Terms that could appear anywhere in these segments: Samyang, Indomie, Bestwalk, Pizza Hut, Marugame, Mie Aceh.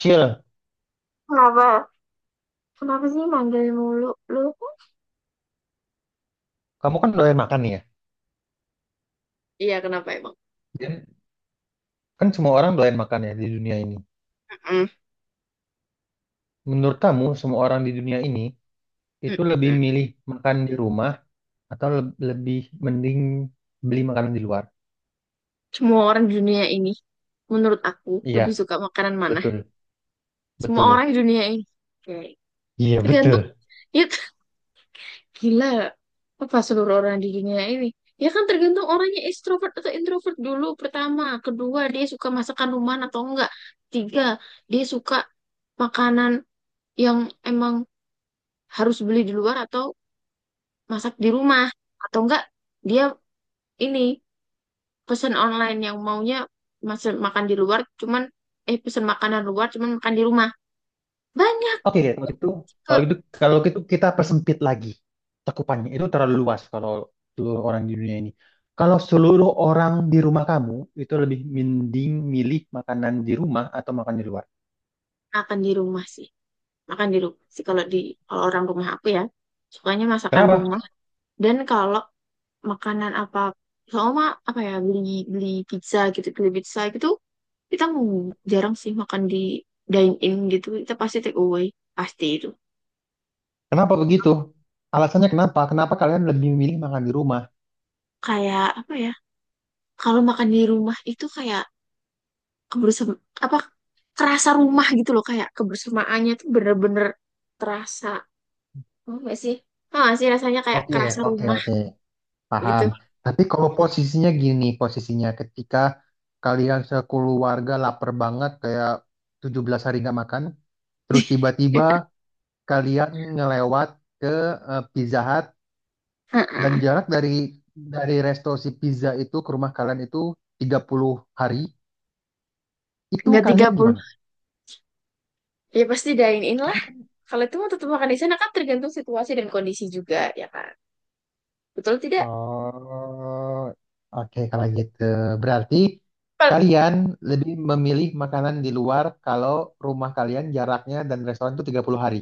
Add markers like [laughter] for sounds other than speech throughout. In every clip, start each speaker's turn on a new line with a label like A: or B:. A: Cil,
B: Kenapa? Kenapa sih manggil mulu? Lu kan
A: kamu kan doyan makan nih ya.
B: Iya, kenapa emang?
A: Dan kan semua orang doyan makan ya di dunia ini.
B: mm
A: Menurut kamu, semua orang di dunia ini itu lebih
B: mm
A: milih makan di rumah atau lebih mending beli makanan di luar?
B: Semua orang di dunia ini, menurut aku, lebih
A: Iya,
B: suka makanan mana?
A: betul,
B: Semua
A: betul.
B: orang di dunia ini. Oke.
A: Iya,
B: Tergantung,
A: betul.
B: ya [laughs] gila. Apa seluruh orang di dunia ini? Ya kan tergantung orangnya ekstrovert atau introvert dulu pertama. Kedua, dia suka masakan rumahan atau enggak. Tiga, dia suka makanan yang emang harus beli di luar atau masak di rumah. Atau enggak, dia ini pesan online yang maunya masih makan di luar cuman, pesan makanan luar cuman makan di rumah banyak
A: Oke, kalau gitu,
B: ke
A: kalau gitu, kalau gitu kita persempit lagi cakupannya. Itu terlalu luas kalau seluruh orang di dunia ini. Kalau seluruh orang di rumah kamu itu lebih mending milih makanan di rumah atau makan di luar.
B: makan di rumah sih, makan di rumah sih kalau orang rumah aku ya sukanya masakan
A: Kenapa?
B: rumah. Dan kalau makanan apa, sama, apa ya, beli beli pizza gitu, beli pizza gitu, kita jarang sih makan di dine in gitu, kita pasti take away, pasti itu.
A: Kenapa begitu? Alasannya kenapa? Kenapa kalian lebih memilih makan di rumah?
B: Kayak apa ya, kalau makan di rumah itu kayak kebersama apa, terasa rumah gitu loh, kayak kebersamaannya tuh bener-bener terasa, apa nggak sih? Tau nggak sih rasanya kayak
A: Oke,
B: kerasa
A: oke,
B: rumah
A: oke,
B: gitu.
A: paham. Tapi kalau posisinya gini, posisinya ketika kalian sekeluarga lapar banget kayak 17 hari nggak makan, terus
B: [laughs]
A: tiba-tiba kalian ngelewat ke Pizza Hut dan
B: Heeh.
A: jarak dari resto si pizza itu ke rumah kalian itu 30 hari, itu
B: Nggak tiga
A: kalian
B: puluh.
A: gimana?
B: Ya pasti dine in lah, kalau itu mau tetap makan di sana kan, tergantung situasi dan kondisi juga, ya kan? Betul tidak?
A: Oh, oke kalau gitu. Berarti
B: Kal-
A: kalian lebih memilih makanan di luar kalau rumah kalian jaraknya dan restoran itu 30 hari.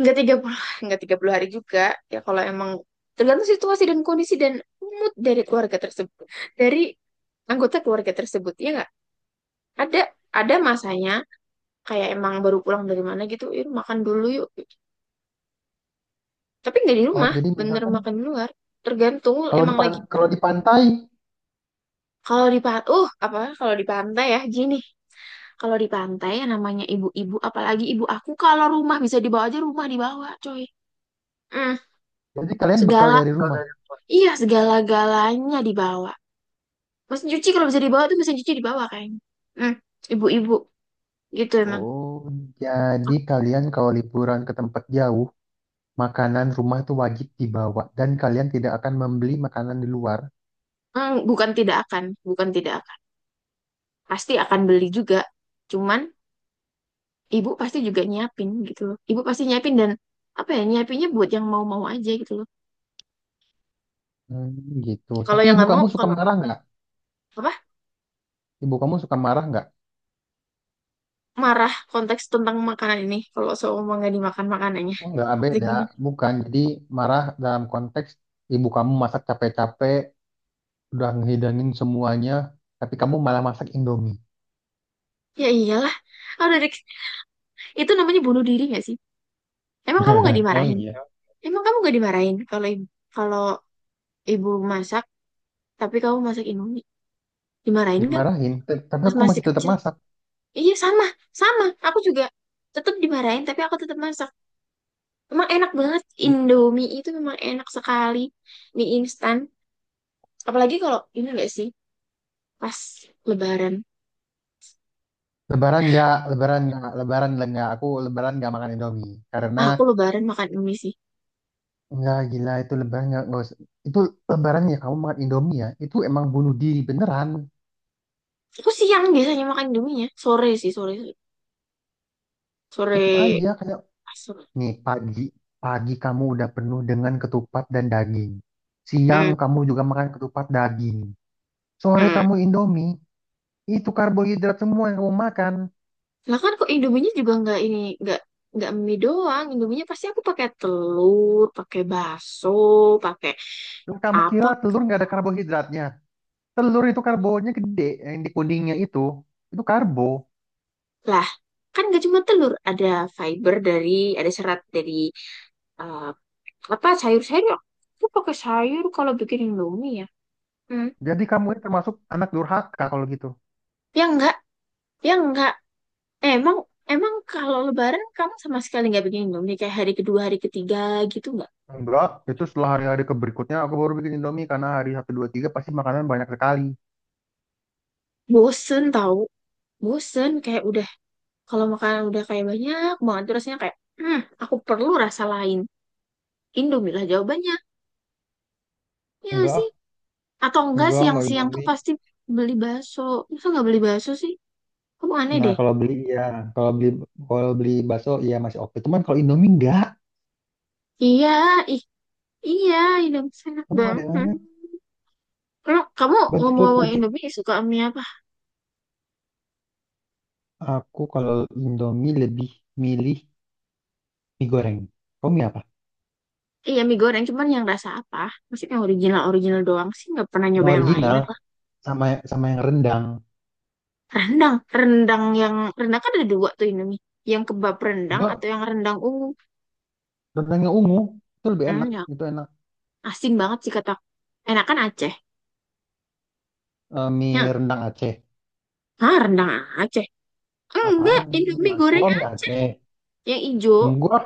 B: nggak 30 hari juga, ya kalau emang tergantung situasi dan kondisi dan mood dari keluarga tersebut, dari anggota keluarga tersebut, ya nggak ada ada masanya kayak emang baru pulang dari mana gitu, yuk makan dulu yuk gitu. Tapi nggak di
A: Oh,
B: rumah,
A: jadi
B: bener
A: misalkan
B: makan di luar, tergantung
A: kalau
B: emang lagi.
A: kalau di pantai,
B: Kalau di pantai, apa, kalau di pantai ya gini, kalau di pantai yang namanya ibu-ibu apalagi ibu aku, kalau rumah bisa dibawa aja, rumah dibawa coy. Hmm,
A: jadi kalian bekal
B: segala
A: dari rumah.
B: iya segala-galanya dibawa, mesin cuci kalau bisa dibawa tuh mesin cuci dibawa kayaknya. Hmm, ibu-ibu gitu emang.
A: Oh, jadi kalian kalau liburan ke tempat jauh, makanan rumah itu wajib dibawa dan kalian tidak akan membeli makanan di luar.
B: Hmm, bukan tidak akan pasti akan beli juga, cuman ibu pasti juga nyiapin gitu loh. Ibu pasti nyiapin, dan apa ya, nyiapinnya buat yang mau-mau aja gitu loh.
A: Hmm, gitu.
B: Kalau
A: Tapi
B: yang
A: ibu
B: nggak mau,
A: kamu suka
B: kalau
A: marah nggak?
B: apa,
A: Ibu kamu suka marah nggak?
B: marah konteks tentang makanan ini kalau seumpama nggak dimakan makanannya.
A: Enggak,
B: Gitu
A: beda.
B: gimana?
A: Bukan. Jadi marah dalam konteks ibu kamu masak capek-capek, udah ngehidangin semuanya, tapi kamu malah masak Indomie.
B: Ya iyalah. Oh, dari itu namanya bunuh diri nggak sih? emang kamu nggak
A: [laughs] Emang
B: dimarahin
A: iya?
B: emang kamu nggak dimarahin kalau ibu masak tapi kamu masak indomie, dimarahin nggak?
A: Dimarahin, tapi
B: Pas
A: aku
B: masih
A: masih tetap
B: kecil
A: masak.
B: iya sama sama aku juga tetap dimarahin tapi aku tetap masak. Emang enak banget Indomie itu, memang enak sekali di instan. Apalagi kalau ini, enggak sih, pas Lebaran.
A: Lebaran nggak, lebaran nggak, lebaran nggak. Aku lebaran nggak makan Indomie. Karena
B: Ah, aku Lebaran makan Indomie sih.
A: nggak gila itu lebaran nggak usah. Itu lebaran ya kamu makan Indomie ya. Itu emang bunuh diri beneran.
B: Aku siang biasanya makan Indominya, sore sih, sore,
A: Tetap
B: sore,
A: aja, kayak
B: ah, sore.
A: Nih pagi, pagi kamu udah penuh dengan ketupat dan daging. Siang
B: Hmm.
A: kamu juga makan ketupat daging. Sore
B: Hmm.
A: kamu Indomie, itu karbohidrat semua yang kamu makan.
B: Lah kan kok Indominya juga nggak ini, nggak mie doang. Indominya pasti aku pakai telur, pakai bakso, pakai
A: Dan kamu kira
B: apa,
A: telur nggak ada karbohidratnya? Telur itu karbonya gede, yang di kuningnya itu karbo.
B: lah kan gak cuma telur, fiber dari ada serat dari, eh, apa sayur-sayur ya, aku pakai sayur kalau bikin Indomie ya. Hmm.
A: Jadi kamu ini termasuk anak durhaka kalau gitu.
B: Ya enggak, ya enggak. Emang emang kalau lebaran kamu sama sekali nggak bikin Indomie kayak hari kedua, hari ketiga gitu nggak?
A: Enggak, itu setelah hari-hari ke berikutnya aku baru bikin Indomie karena hari satu 2 3 pasti makanan banyak sekali.
B: Bosen tahu, bosen kayak udah, kalau makanan udah kayak banyak banget tuh rasanya kayak, aku perlu rasa lain. Indomie lah jawabannya. Ya nggak sih?
A: Enggak,
B: Atau enggak
A: enggak
B: siang-siang tuh
A: Indomie.
B: pasti beli bakso. Masa nggak beli bakso sih? Kamu aneh
A: Nah,
B: deh.
A: kalau beli ya, kalau beli kalau beli bakso ya masih oke. Cuman kalau Indomie enggak.
B: Iya, ih, iya, Indomie enak
A: Kamu ada
B: banget.
A: banget.
B: Kamu
A: Berarti,
B: ngomong-ngomong
A: berarti
B: Indomie suka mie apa?
A: aku kalau Indomie lebih milih mie goreng. Kamu mie apa?
B: Iya mie goreng, cuman yang rasa apa? Maksudnya yang original original doang sih, nggak pernah
A: Yang
B: nyoba yang lain
A: original
B: apa?
A: sama sama yang rendang.
B: Rendang yang rendang kan ada dua tuh Indomie, yang kebab rendang atau
A: Enggak,
B: yang rendang ungu.
A: rendangnya ungu. Itu lebih enak.
B: Hmm, ya
A: Itu enak.
B: asin banget sih, kata aku. Enakan Aceh.
A: Eh,
B: Ya,
A: mie rendang Aceh.
B: ah, rendang Aceh. Enggak,
A: Apaan? Mie
B: Indomie
A: Aceh.
B: goreng
A: Oh, mie
B: Aceh
A: Aceh.
B: yang ijo.
A: Enggak,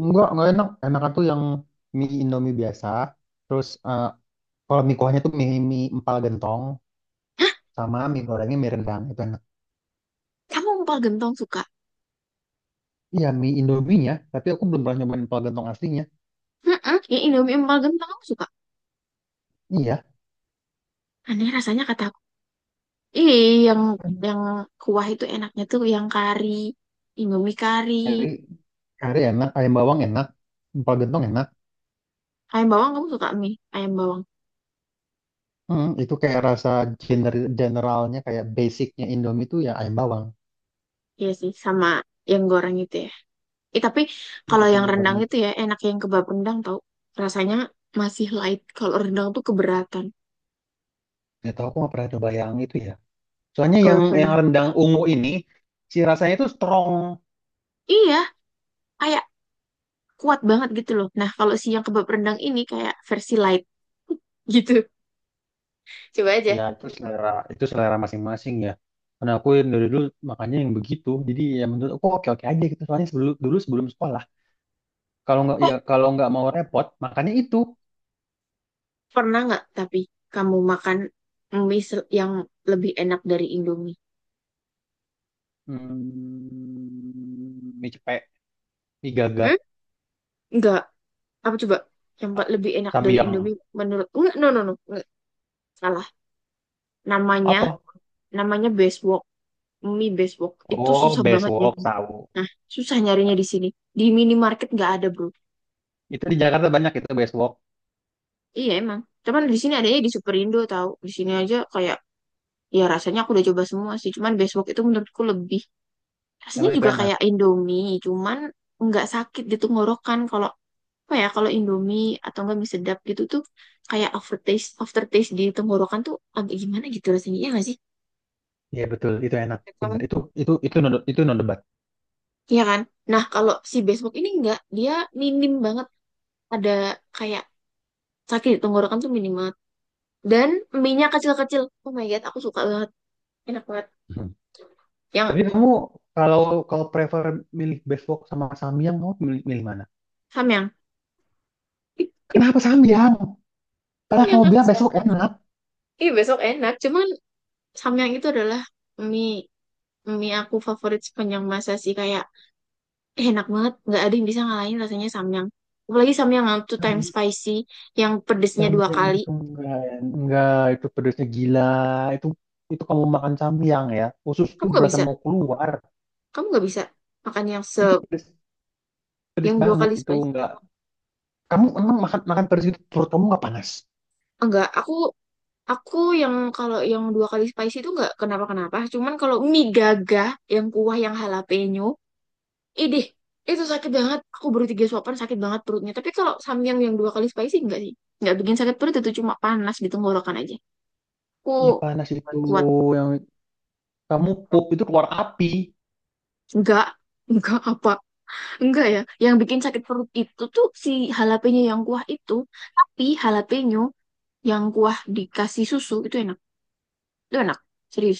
A: enggak enak. Enak tuh yang mie Indomie biasa. Terus kalau mie kuahnya tuh mie, empal gentong
B: Hah,
A: sama mie gorengnya mie rendang. Itu enak.
B: kamu empal gentong suka?
A: Iya, mie Indominya, tapi aku belum pernah nyobain empal gentong aslinya.
B: Heeh, yang Indomie empal gentong kamu suka?
A: Iya,
B: Aneh rasanya kataku. Ih, yang yang kuah itu enaknya tuh yang kari, Indomie kari,
A: kari, kari enak, ayam bawang enak, empal gentong enak.
B: ayam bawang, kamu suka mie ayam bawang?
A: Hmm, itu kayak rasa generalnya, kayak basicnya Indomie itu ya ayam bawang.
B: Iya sih, sama yang goreng itu ya. Eh, tapi
A: Iya,
B: kalau yang
A: temen goreng
B: rendang
A: itu.
B: itu ya enak, yang kebab rendang, tau? Rasanya masih light. Kalau rendang tuh keberatan.
A: Gak tau, aku nggak pernah coba yang itu ya. Soalnya
B: Kebab
A: yang
B: rendang.
A: rendang ungu ini, si rasanya itu strong.
B: Iya, kayak kuat banget gitu loh. Nah, kalau si yang kebab rendang ini kayak versi light gitu. [laughs] Coba
A: Ya,
B: aja.
A: itu selera masing-masing ya. Karena aku yang dari dulu makannya yang begitu. Jadi ya menurut aku oke-oke aja gitu. Soalnya sebelum, dulu sebelum sekolah, kalau nggak
B: Oh,
A: ya kalau nggak mau repot, makannya itu.
B: pernah nggak tapi kamu makan mie yang lebih enak dari Indomie?
A: Hmm, mie cepek, mie gagah,
B: Hmm? Nggak. Apa coba yang lebih enak dari
A: samyang.
B: Indomie menurut, enggak, no no no, enggak. Salah namanya
A: Apa?
B: namanya Bestwalk, mie Bestwalk itu
A: Oh,
B: susah banget ya.
A: besok tahu.
B: Nah, susah nyarinya di sini, di minimarket nggak ada bro.
A: Itu di Jakarta banyak itu besok.
B: Iya emang, cuman di sini adanya di Superindo tahu, di sini aja kayak, ya rasanya aku udah coba semua sih, cuman Bestwalk itu menurutku lebih, rasanya
A: Emang itu
B: juga
A: enak.
B: kayak Indomie, cuman nggak sakit di tenggorokan. Kalau apa ya, kalau Indomie atau enggak mie sedap gitu tuh, kayak aftertaste aftertaste di tenggorokan tuh agak gimana gitu rasanya, ya nggak sih
A: Iya betul, itu enak.
B: menurut kamu?
A: Benar. Itu itu no debat.
B: Iya kan. Nah, kalau si besok ini enggak, dia minim banget ada kayak sakit di tenggorokan tuh, minim banget. Dan mie-nya kecil-kecil, oh my God, aku suka banget, enak banget,
A: Hmm.
B: yang
A: Tapi kamu kalau kalau prefer milih besok sama samyang, kamu milih, milih mana?
B: samyang. [laughs]
A: Kenapa samyang? Padahal
B: Samyang
A: kamu
B: aku
A: bilang
B: suka
A: besok
B: banget.
A: enak.
B: Ih, besok enak, cuman samyang itu adalah mie mie aku favorit sepanjang masa sih kayak. Eh, enak banget, nggak ada yang bisa ngalahin rasanya samyang, apalagi samyang yang two times
A: Hmm,
B: spicy, yang pedesnya dua
A: Samyang
B: kali.
A: itu enggak itu pedasnya gila. Itu kamu makan samyang ya. Usus
B: kamu
A: tuh
B: nggak
A: berasa
B: bisa
A: mau keluar.
B: kamu nggak bisa makan yang
A: Itu pedes, pedes
B: yang dua
A: banget
B: kali
A: itu
B: spicy.
A: enggak. Kamu emang makan makan pedes itu perut kamu nggak panas?
B: Enggak, aku yang kalau yang dua kali spicy itu nggak kenapa kenapa cuman kalau mie gagah yang kuah yang jalapeno, idih, itu sakit banget, aku baru 3 suapan sakit banget perutnya, tapi kalau samyang yang dua kali spicy enggak sih, nggak bikin sakit perut, itu cuma panas di tenggorokan aja. Aku
A: Iya panas itu
B: kuat.
A: yang kamu pup itu keluar api.
B: Enggak enggak apa, enggak ya, yang bikin sakit perut itu tuh si jalapeño yang kuah itu, tapi jalapeño yang kuah dikasih susu itu enak. Itu enak, serius.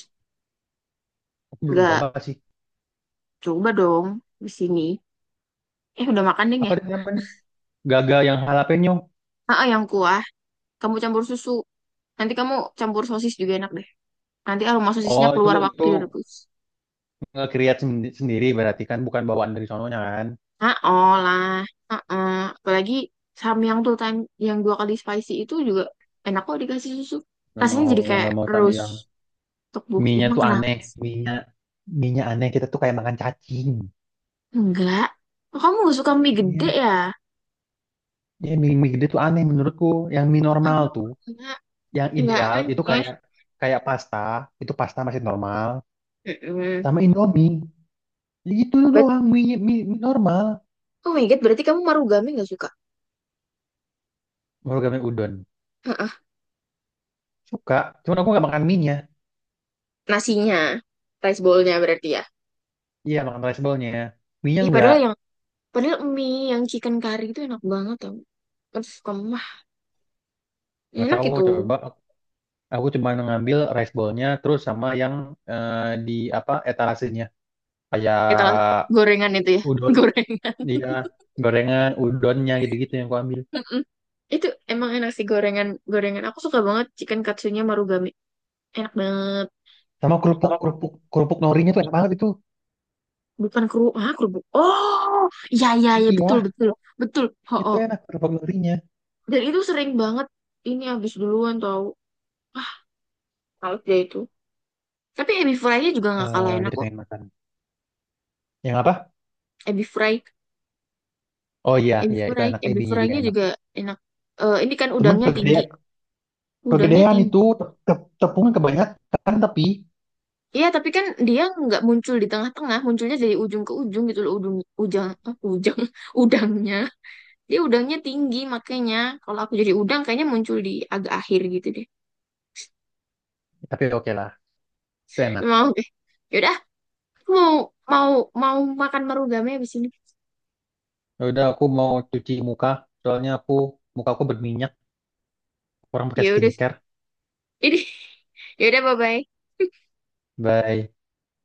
A: Aku belum
B: Enggak,
A: coba sih.
B: coba dong di sini. Eh, udah makan deh
A: Apa
B: ya?
A: itu namanya? Gaga yang jalapeno.
B: Ah, yang kuah, kamu campur susu. Nanti kamu campur sosis juga enak deh. Nanti aroma sosisnya
A: Oh
B: keluar waktu
A: itu
B: direbus.
A: nge-create sendiri berarti kan bukan bawaan dari sononya kan?
B: Ah, olah. Ah, ah. Apalagi samyang tuh yang dua kali spicy itu juga enak kok dikasih susu.
A: Nggak
B: Rasanya
A: mau
B: jadi kayak
A: tapi
B: terus
A: yang
B: tteokbokki.
A: mie-nya
B: Emang
A: tuh
B: kenapa?
A: aneh. Mie-nya mie-nya aneh. Kita tuh kayak makan cacing.
B: Enggak. Oh, kamu nggak suka mie gede
A: Iya,
B: ya?
A: ya mie, mie gede tuh aneh menurutku. Yang mie normal
B: Aku
A: tuh.
B: enggak,
A: Yang
B: enggak
A: ideal itu
B: aneh.
A: kayak kayak pasta, itu pasta masih normal,
B: Mm-mm.
A: sama Indomie. Itu
B: Bet-
A: doang mie, mie, mie normal.
B: Oh my God, berarti kamu marugame nggak suka?
A: Baru kami udon.
B: Heeh.
A: Suka, cuman aku nggak makan mie-nya.
B: Nasinya, rice bowl-nya berarti ya.
A: Iya, makan rice bowl-nya. Mie-nya
B: Ih,
A: nggak.
B: padahal mie yang chicken curry itu enak banget tau. Aduh, kamu mah,
A: Nggak
B: enak
A: tahu,
B: itu.
A: coba aku cuma ngambil rice bowl-nya terus sama yang eh, di apa etalasenya. Kayak
B: Itu gorengan itu ya,
A: udon,
B: [laughs] gorengan.
A: iya, gorengan, udonnya gitu-gitu yang aku ambil.
B: Mm-mm. Itu emang enak sih gorengan. Gorengan aku suka banget chicken katsunya marugame. Enak banget.
A: Sama kerupuk, kerupuk norinya tuh enak banget itu.
B: Bukan kerupuk, ah kerupuk. Oh, iya iya iya betul
A: Iya,
B: betul betul.
A: itu
B: Oh,
A: enak kerupuk norinya.
B: dan itu sering banget ini habis duluan tau. Ah, kalau dia itu. Tapi ebi fry-nya juga nggak kalah
A: Eh,
B: enak
A: jadi
B: kok.
A: pengen makan. Yang apa?
B: Ebi fry,
A: Oh iya,
B: ebi
A: iya itu
B: fry,
A: enak.
B: ebi
A: Ebinya juga
B: fry-nya
A: enak.
B: juga enak. Eh, ini kan
A: Cuman
B: udangnya tinggi,
A: kegedean,
B: udangnya
A: kegedean
B: tinggi.
A: itu tepungnya kebanyakan kan, tapi
B: Iya, tapi kan dia nggak muncul di tengah-tengah, munculnya dari ujung ke ujung gitu loh, ujung, ujang, ah, ujang, [laughs] udangnya. Dia udangnya tinggi, makanya kalau aku jadi udang kayaknya muncul di agak akhir gitu deh.
A: oke lah, itu enak.
B: Mau deh. Yaudah, aku mau mau mau makan marugame abis ini.
A: Ya Udah aku mau cuci muka, soalnya aku muka aku berminyak. Kurang pakai
B: Ya udah.
A: skincare.
B: Ini. [laughs] Yaudah, bye-bye.
A: Bye.